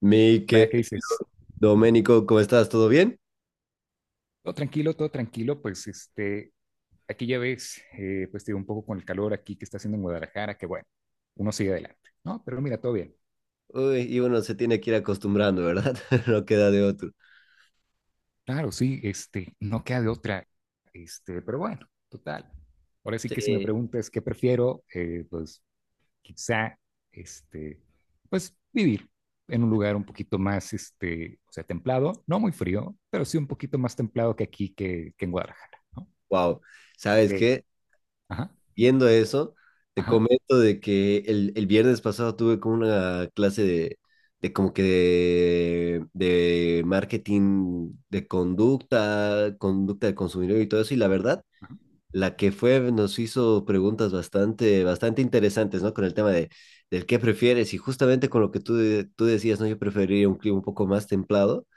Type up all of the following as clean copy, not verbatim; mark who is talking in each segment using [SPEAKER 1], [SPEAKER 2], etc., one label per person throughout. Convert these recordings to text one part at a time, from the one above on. [SPEAKER 1] Mi
[SPEAKER 2] Hola,
[SPEAKER 1] que
[SPEAKER 2] ¿qué dices?
[SPEAKER 1] Domenico, ¿cómo estás? ¿Todo bien?
[SPEAKER 2] Todo tranquilo, pues este, aquí ya ves, pues te digo, un poco con el calor aquí que está haciendo en Guadalajara, que bueno, uno sigue adelante, ¿no? Pero mira, todo bien.
[SPEAKER 1] Uy, y uno se tiene que ir acostumbrando, ¿verdad? No queda de otro.
[SPEAKER 2] Claro, sí, este, no queda de otra, este, pero bueno, total. Ahora sí que si me
[SPEAKER 1] Sí,
[SPEAKER 2] preguntas qué prefiero, pues quizá, este, pues vivir en un lugar un poquito más, este, o sea, templado, no muy frío, pero sí un poquito más templado que aquí, que en Guadalajara, ¿no?
[SPEAKER 1] wow. ¿Sabes
[SPEAKER 2] Sí.
[SPEAKER 1] qué?
[SPEAKER 2] Ajá,
[SPEAKER 1] Viendo eso, te
[SPEAKER 2] ajá,
[SPEAKER 1] comento de que el viernes pasado tuve como una clase de como que de, de marketing de conducta, conducta del consumidor y todo eso, y la verdad.
[SPEAKER 2] ajá,
[SPEAKER 1] La que fue nos hizo preguntas bastante interesantes, ¿no? Con el tema de, del qué prefieres y justamente con lo que tú, tú decías, ¿no? Yo preferiría un clima un poco más templado.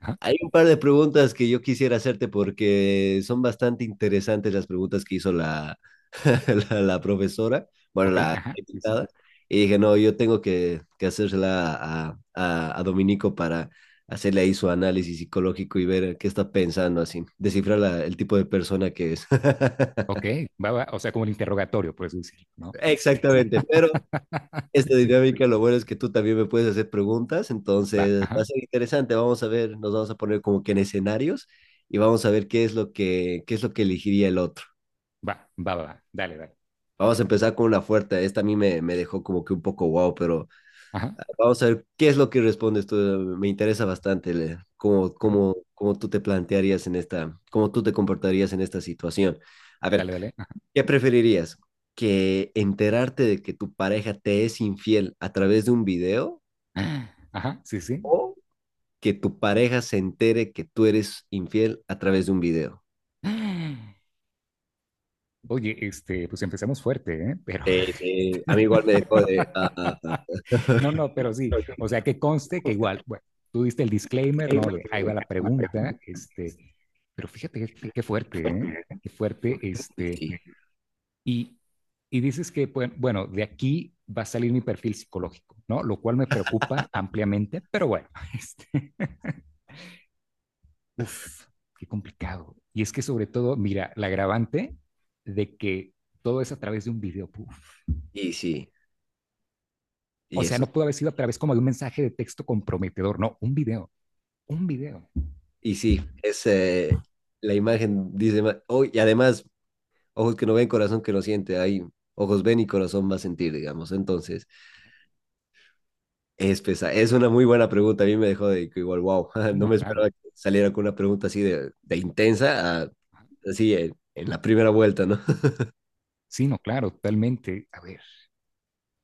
[SPEAKER 2] ajá.
[SPEAKER 1] Hay un par de preguntas que yo quisiera hacerte porque son bastante interesantes las preguntas que hizo la profesora, bueno,
[SPEAKER 2] Ok,
[SPEAKER 1] la
[SPEAKER 2] ajá, sí, sí.
[SPEAKER 1] invitada. Y dije, no, yo tengo que hacérsela a Dominico para hacerle ahí su análisis psicológico y ver qué está pensando, así, descifrar el tipo de persona que es.
[SPEAKER 2] Ok, va, va, o sea, como el interrogatorio, por eso decirlo, ¿no? Este,
[SPEAKER 1] Exactamente, pero esta
[SPEAKER 2] sí,
[SPEAKER 1] dinámica lo bueno es que tú también me puedes hacer preguntas,
[SPEAKER 2] va,
[SPEAKER 1] entonces va a
[SPEAKER 2] ajá,
[SPEAKER 1] ser interesante, vamos a ver, nos vamos a poner como que en escenarios y vamos a ver qué es lo que, qué es lo que elegiría el otro.
[SPEAKER 2] va, va, va, va, dale, dale,
[SPEAKER 1] Vamos a empezar con una fuerte, esta a mí me dejó como que un poco wow, pero
[SPEAKER 2] ajá,
[SPEAKER 1] ah, vamos a ver qué es lo que respondes tú, me interesa bastante
[SPEAKER 2] ajá,
[SPEAKER 1] cómo tú te plantearías en esta, cómo tú te comportarías en esta situación. A ver,
[SPEAKER 2] dale, dale,
[SPEAKER 1] ¿qué preferirías? ¿Que enterarte de que tu pareja te es infiel a través de un video
[SPEAKER 2] ajá, ajá, sí, sí.
[SPEAKER 1] o que tu pareja se entere que tú eres infiel a través de un video?
[SPEAKER 2] Oye, este, pues empezamos fuerte, ¿eh? Pero,
[SPEAKER 1] Sí, a mí igual me dejó de...
[SPEAKER 2] no, no, pero sí, o sea, que conste que igual, bueno, tú diste el disclaimer, ¿no? De ahí va la pregunta, este, pero fíjate qué fuerte, ¿eh? Qué fuerte,
[SPEAKER 1] y
[SPEAKER 2] este.
[SPEAKER 1] sí,
[SPEAKER 2] Y, y dices que, pues, bueno, de aquí va a salir mi perfil psicológico, ¿no? Lo cual me preocupa ampliamente, pero bueno, este, uf, qué complicado. Y es que sobre todo, mira, la agravante de que todo es a través de un video, puff.
[SPEAKER 1] y sí,
[SPEAKER 2] O
[SPEAKER 1] y
[SPEAKER 2] sea,
[SPEAKER 1] eso.
[SPEAKER 2] no pudo haber sido a través como de un mensaje de texto comprometedor, no, un video, un video.
[SPEAKER 1] Y sí, es la imagen dice más... Oh, y además, ojos que no ven, corazón que no siente. Ahí, ojos ven y corazón va a sentir, digamos. Entonces... Es una muy buena pregunta. A mí me dejó de que igual, wow,
[SPEAKER 2] Sí,
[SPEAKER 1] no
[SPEAKER 2] no,
[SPEAKER 1] me
[SPEAKER 2] claro.
[SPEAKER 1] esperaba que saliera con una pregunta así de intensa, así en la primera vuelta, ¿no?
[SPEAKER 2] Sí, no, claro, totalmente. A ver,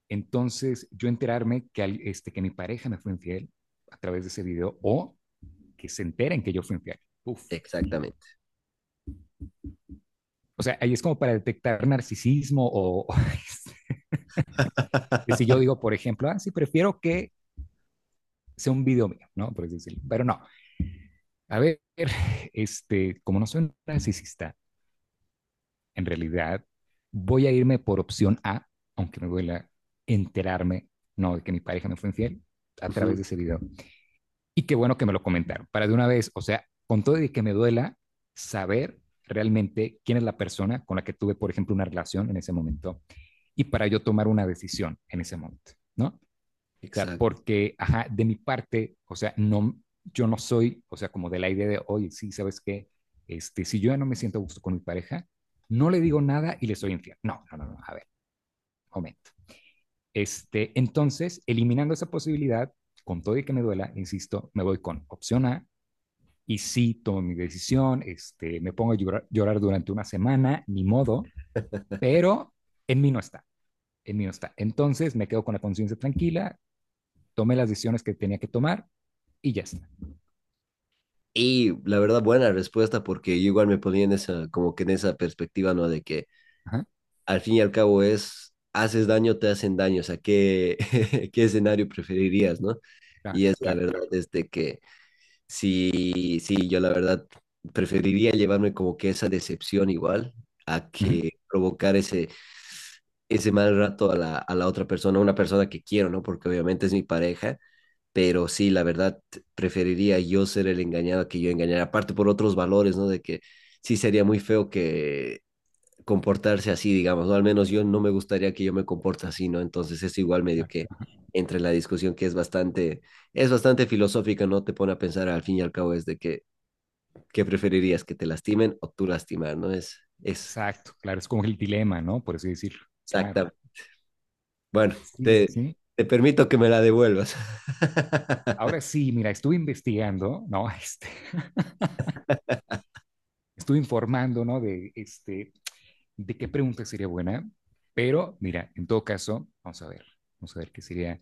[SPEAKER 2] entonces yo enterarme que, este, que mi pareja me fue infiel a través de ese video o que se enteren que yo fui infiel. Uf,
[SPEAKER 1] Exactamente.
[SPEAKER 2] o sea, ahí es como para detectar narcisismo o si yo digo, por ejemplo, ah, sí, prefiero que sea un video mío, ¿no? Por decirlo. Pero no, a ver, este, como no soy un narcisista, en realidad voy a irme por opción A, aunque me duela enterarme, no, de que mi pareja me fue infiel a través
[SPEAKER 1] Ujú.
[SPEAKER 2] de ese video. Y qué bueno que me lo comentaron, para de una vez, o sea, con todo y que me duela saber realmente quién es la persona con la que tuve, por ejemplo, una relación en ese momento y para yo tomar una decisión en ese momento, ¿no? O sea,
[SPEAKER 1] Exacto.
[SPEAKER 2] porque, ajá, de mi parte, o sea, no, yo no soy, o sea, como de la idea de, oye, sí, ¿sabes qué? Este, si yo ya no me siento a gusto con mi pareja, no le digo nada y le soy infiel. No, no, no, no, a ver, momento. Este, entonces, eliminando esa posibilidad, con todo y que me duela, insisto, me voy con opción A y sí tomo mi decisión, este, me pongo a llorar, llorar durante una semana, ni modo, pero en mí no está. El mío está. Entonces me quedo con la conciencia tranquila, tomé las decisiones que tenía que tomar y ya está.
[SPEAKER 1] Y la verdad, buena respuesta, porque yo igual me ponía en esa, como que en esa perspectiva, ¿no? De que
[SPEAKER 2] Ajá,
[SPEAKER 1] al fin y al cabo es, haces daño, te hacen daño, o sea, ¿qué, qué escenario preferirías, ¿no?
[SPEAKER 2] claro,
[SPEAKER 1] Y es la
[SPEAKER 2] claro.
[SPEAKER 1] verdad, desde que sí, sí, yo la verdad preferiría llevarme como que esa decepción igual a
[SPEAKER 2] Ujú,
[SPEAKER 1] que provocar ese, ese mal rato a a la otra persona, una persona que quiero, ¿no? Porque obviamente es mi pareja, pero sí, la verdad preferiría yo ser el engañado que yo engañar, aparte por otros valores, ¿no? De que sí sería muy feo que comportarse así, digamos, o al menos yo no me gustaría que yo me comporte así, ¿no? Entonces es igual medio
[SPEAKER 2] claro.
[SPEAKER 1] que entre en la discusión que es bastante filosófica, ¿no? Te pone a pensar al fin y al cabo es de que, ¿qué preferirías? ¿Que te lastimen o tú lastimar, ¿no? Es
[SPEAKER 2] Exacto, claro, es como el dilema, ¿no? Por así decirlo. Claro.
[SPEAKER 1] exacta. Bueno,
[SPEAKER 2] Sí, sí,
[SPEAKER 1] te,
[SPEAKER 2] sí.
[SPEAKER 1] te permito que me la devuelvas.
[SPEAKER 2] Ahora sí, mira, estuve investigando, ¿no? Este, estuve informando, ¿no? De, este, de qué pregunta sería buena, pero mira, en todo caso, vamos a ver qué sería.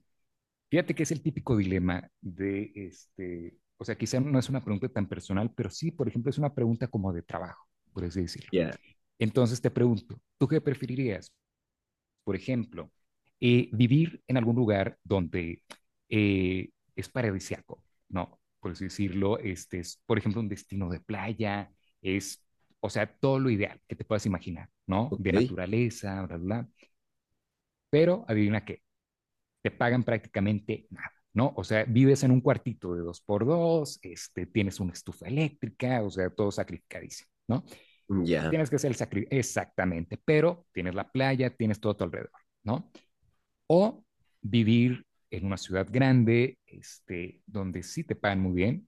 [SPEAKER 2] Fíjate que es el típico dilema de, este, o sea, quizá no es una pregunta tan personal, pero sí, por ejemplo, es una pregunta como de trabajo, por así decirlo.
[SPEAKER 1] Ya,
[SPEAKER 2] Entonces te pregunto, ¿tú qué preferirías? Por ejemplo, vivir en algún lugar donde es paradisíaco, ¿no? Por así decirlo, este es, por ejemplo, un destino de playa, es, o sea, todo lo ideal que te puedas imaginar, ¿no? De
[SPEAKER 1] ok,
[SPEAKER 2] naturaleza, bla, bla, bla. Pero adivina qué, te pagan prácticamente nada, ¿no? O sea, vives en un cuartito de dos por dos, este, tienes una estufa eléctrica, o sea, todo sacrificadísimo, ¿no?
[SPEAKER 1] ya.
[SPEAKER 2] Tienes que hacer el sacri exactamente, pero tienes la playa, tienes todo a tu alrededor, ¿no? O vivir en una ciudad grande, este, donde sí te pagan muy bien,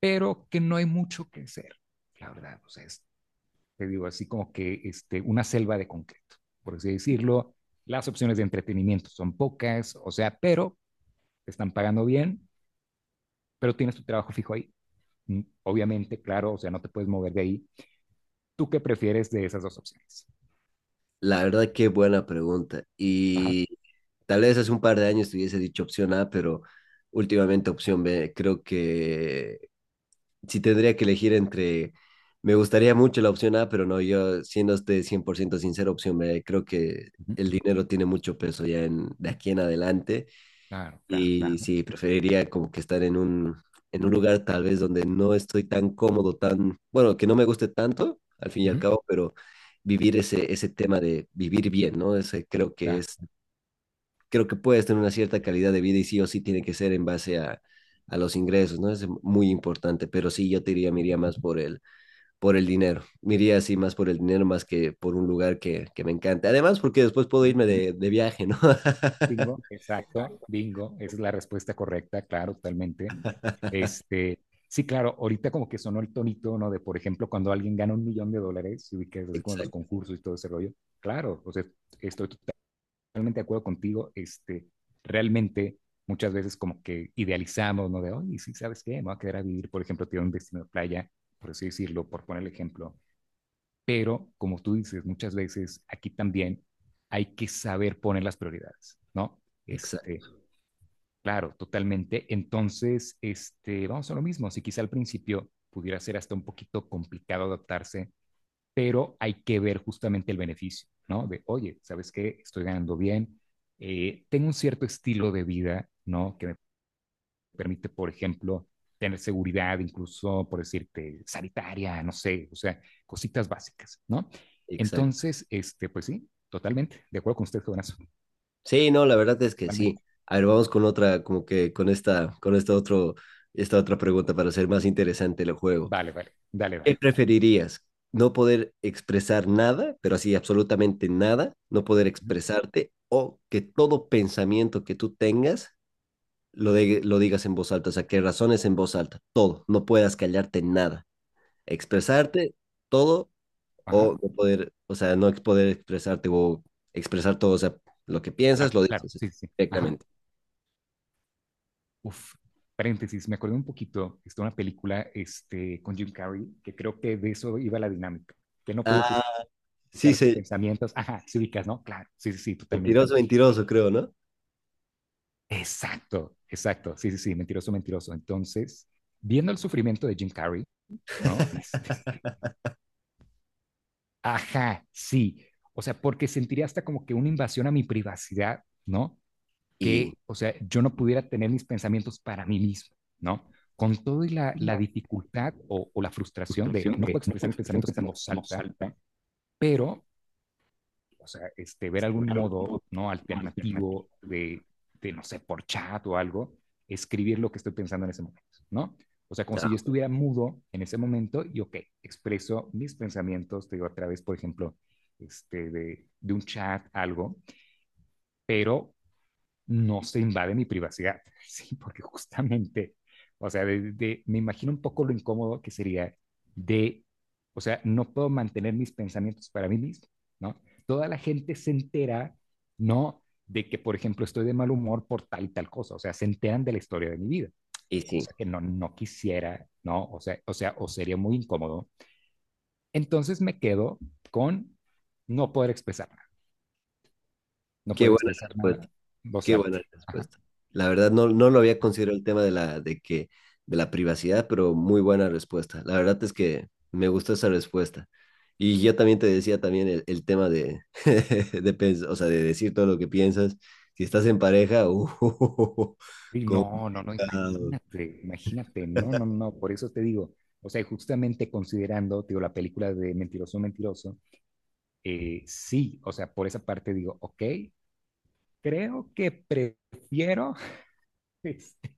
[SPEAKER 2] pero que no hay mucho que hacer, la verdad, o sea, es, te digo, así como que este, una selva de concreto, por así decirlo, las opciones de entretenimiento son pocas, o sea, pero te están pagando bien, pero tienes tu trabajo fijo ahí. Obviamente, claro, o sea, no te puedes mover de ahí. ¿Tú qué prefieres de esas dos opciones?
[SPEAKER 1] La verdad, qué buena pregunta.
[SPEAKER 2] Ajá.
[SPEAKER 1] Y tal vez hace un par de años te hubiese dicho opción A, pero últimamente opción B. Creo que si tendría que elegir entre, me gustaría mucho la opción A, pero no, yo siendo usted 100% sincero, opción B, creo que
[SPEAKER 2] Ujú.
[SPEAKER 1] el dinero tiene mucho peso ya en, de aquí en adelante
[SPEAKER 2] Claro, claro.
[SPEAKER 1] y claro. Sí, preferiría como que estar en un lugar tal vez donde no estoy tan cómodo, tan, bueno, que no me guste tanto, al fin y al
[SPEAKER 2] Ujú.
[SPEAKER 1] cabo, pero vivir ese, ese tema de vivir bien, ¿no? Ese creo que
[SPEAKER 2] Claro.
[SPEAKER 1] es creo que puedes tener una cierta calidad de vida y sí o sí tiene que ser en base a los ingresos, ¿no? Es muy importante, pero sí yo te diría, me iría más por por el dinero, me iría así más por el dinero más que por un lugar que me encante. Además, porque después puedo
[SPEAKER 2] Ujú.
[SPEAKER 1] irme de viaje, ¿no?
[SPEAKER 2] Bingo, exacto, bingo. Esa es la respuesta correcta, claro, totalmente. Este, sí, claro, ahorita como que sonó el tonito, ¿no? De, por ejemplo, cuando alguien gana un millón de dólares, y que es así como los
[SPEAKER 1] Exacto,
[SPEAKER 2] concursos y todo ese rollo. Claro, o sea, estoy totalmente de acuerdo contigo, este, realmente muchas veces como que idealizamos, ¿no? De, oye, sí, ¿sabes qué? Me voy a quedar a vivir, por ejemplo, tiene un destino de playa, por así decirlo, por poner el ejemplo. Pero, como tú dices, muchas veces aquí también hay que saber poner las prioridades, ¿no? Este,
[SPEAKER 1] exacto,
[SPEAKER 2] claro, totalmente. Entonces, este, vamos a lo mismo. Si quizá al principio pudiera ser hasta un poquito complicado adaptarse, pero hay que ver justamente el beneficio, ¿no? De, oye, ¿sabes qué? Estoy ganando bien, tengo un cierto estilo de vida, ¿no? Que me permite, por ejemplo, tener seguridad, incluso, por decirte, sanitaria, no sé, o sea, cositas básicas, ¿no?
[SPEAKER 1] exacto.
[SPEAKER 2] Entonces, este, pues sí, totalmente, de acuerdo con usted, jovenazo,
[SPEAKER 1] Sí, no, la verdad es que sí.
[SPEAKER 2] totalmente.
[SPEAKER 1] A ver, vamos con otra, como que con esta otro, esta otra pregunta para hacer más interesante el juego.
[SPEAKER 2] Vale, vale, dale,
[SPEAKER 1] ¿Qué
[SPEAKER 2] dale.
[SPEAKER 1] preferirías? ¿No poder expresar nada, pero así absolutamente nada? ¿No poder expresarte o que todo pensamiento que tú tengas lo, lo digas en voz alta? O sea, que razones en voz alta, todo, no puedas callarte nada. Expresarte todo
[SPEAKER 2] Ajá,
[SPEAKER 1] o no poder, o sea, no ex- poder expresarte o expresar todo, o sea, lo que piensas
[SPEAKER 2] claro,
[SPEAKER 1] lo
[SPEAKER 2] claro,
[SPEAKER 1] dices
[SPEAKER 2] sí, sí, sí. Ajá.
[SPEAKER 1] directamente.
[SPEAKER 2] Uf, paréntesis, me acordé un poquito, está una película este, con Jim Carrey, que creo que de eso iba la dinámica, que no podía
[SPEAKER 1] Ah, sí,
[SPEAKER 2] ocultar sus
[SPEAKER 1] sí,
[SPEAKER 2] pensamientos. Ajá, sí ubicas, ¿no? Claro, sí, sí, sí, totalmente.
[SPEAKER 1] mentiroso, mentiroso, creo, ¿no?
[SPEAKER 2] Exacto, exacto, sí, sí, sí, Mentiroso, Mentiroso. Entonces, viendo el sufrimiento de Jim Carrey, ¿no? Este, ajá, sí. O sea, porque sentiría hasta como que una invasión a mi privacidad, ¿no?
[SPEAKER 1] Y,
[SPEAKER 2] Que, o sea, yo no pudiera tener mis pensamientos para mí mismo, ¿no? Con todo y la dificultad o, la frustración de no puedo expresar mis pensamientos en voz alta, pero, o sea, este, ver algún modo, ¿no? Alternativo de, no sé, por chat o algo, escribir lo que estoy pensando en ese momento, ¿no? O sea, como si yo
[SPEAKER 1] ah,
[SPEAKER 2] estuviera mudo en ese momento y, ok, expreso mis pensamientos, te digo, a través, por ejemplo, este, de un chat, algo, pero no se invade mi privacidad, ¿sí? Porque justamente, o sea, me imagino un poco lo incómodo que sería de, o sea, no puedo mantener mis pensamientos para mí mismo, ¿no? Toda la gente se entera, ¿no? De que, por ejemplo, estoy de mal humor por tal y tal cosa, o sea, se enteran de la historia de mi vida,
[SPEAKER 1] y sí,
[SPEAKER 2] cosa que no, no quisiera, ¿no? O sea, o sería muy incómodo. Entonces me quedo con no poder expresar nada, no
[SPEAKER 1] qué
[SPEAKER 2] poder
[SPEAKER 1] buena
[SPEAKER 2] expresar
[SPEAKER 1] respuesta.
[SPEAKER 2] nada, voz
[SPEAKER 1] Qué
[SPEAKER 2] alta.
[SPEAKER 1] buena
[SPEAKER 2] Ajá.
[SPEAKER 1] respuesta. La verdad no, no lo había considerado el tema de la, de que, de la privacidad, pero muy buena respuesta. La verdad es que me gustó esa respuesta. Y yo también te decía también el tema de, de, o sea, de decir todo lo que piensas. Si estás en pareja,
[SPEAKER 2] Sí, no, no, no,
[SPEAKER 1] complicado.
[SPEAKER 2] imagínate, imagínate, no, no, no, por eso te digo, o sea, justamente considerando, te digo, la película de Mentiroso, Mentiroso, sí, o sea, por esa parte digo, ok, creo que prefiero, este,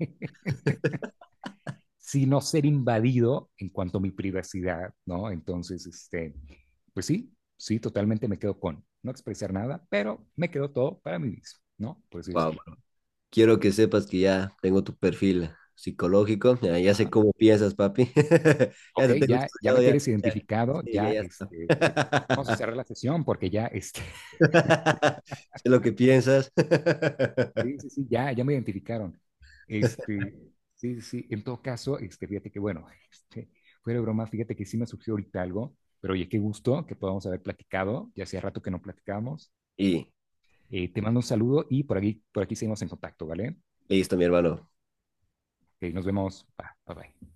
[SPEAKER 2] si no ser invadido en cuanto a mi privacidad, ¿no? Entonces, este, pues sí, sí, totalmente me quedo con no expresar nada, pero me quedo todo para mí mismo, ¿no? Por así
[SPEAKER 1] Guau,
[SPEAKER 2] decirlo.
[SPEAKER 1] bro. Quiero que sepas que ya tengo tu perfil psicológico. Ya, ya sé
[SPEAKER 2] Ajá.
[SPEAKER 1] cómo piensas, papi. Ya
[SPEAKER 2] Ok,
[SPEAKER 1] te tengo
[SPEAKER 2] ya, ya me
[SPEAKER 1] estudiado, ya.
[SPEAKER 2] tienes
[SPEAKER 1] Ya,
[SPEAKER 2] identificado,
[SPEAKER 1] sí, ya,
[SPEAKER 2] ya,
[SPEAKER 1] ya
[SPEAKER 2] este, vamos a
[SPEAKER 1] está.
[SPEAKER 2] cerrar la sesión porque ya, este,
[SPEAKER 1] Sé lo que piensas.
[SPEAKER 2] sí, sí, sí, ya, ya me identificaron. Este, sí, sí, sí, en todo caso, este, fíjate que bueno, este, fuera de broma, fíjate que sí me surgió ahorita algo, pero oye, qué gusto que podamos haber platicado, ya hacía rato que no platicábamos.
[SPEAKER 1] Y
[SPEAKER 2] Te mando un saludo y por aquí seguimos en contacto, ¿vale?
[SPEAKER 1] listo, mi hermano.
[SPEAKER 2] Nos vemos. Bye, bye. Bye.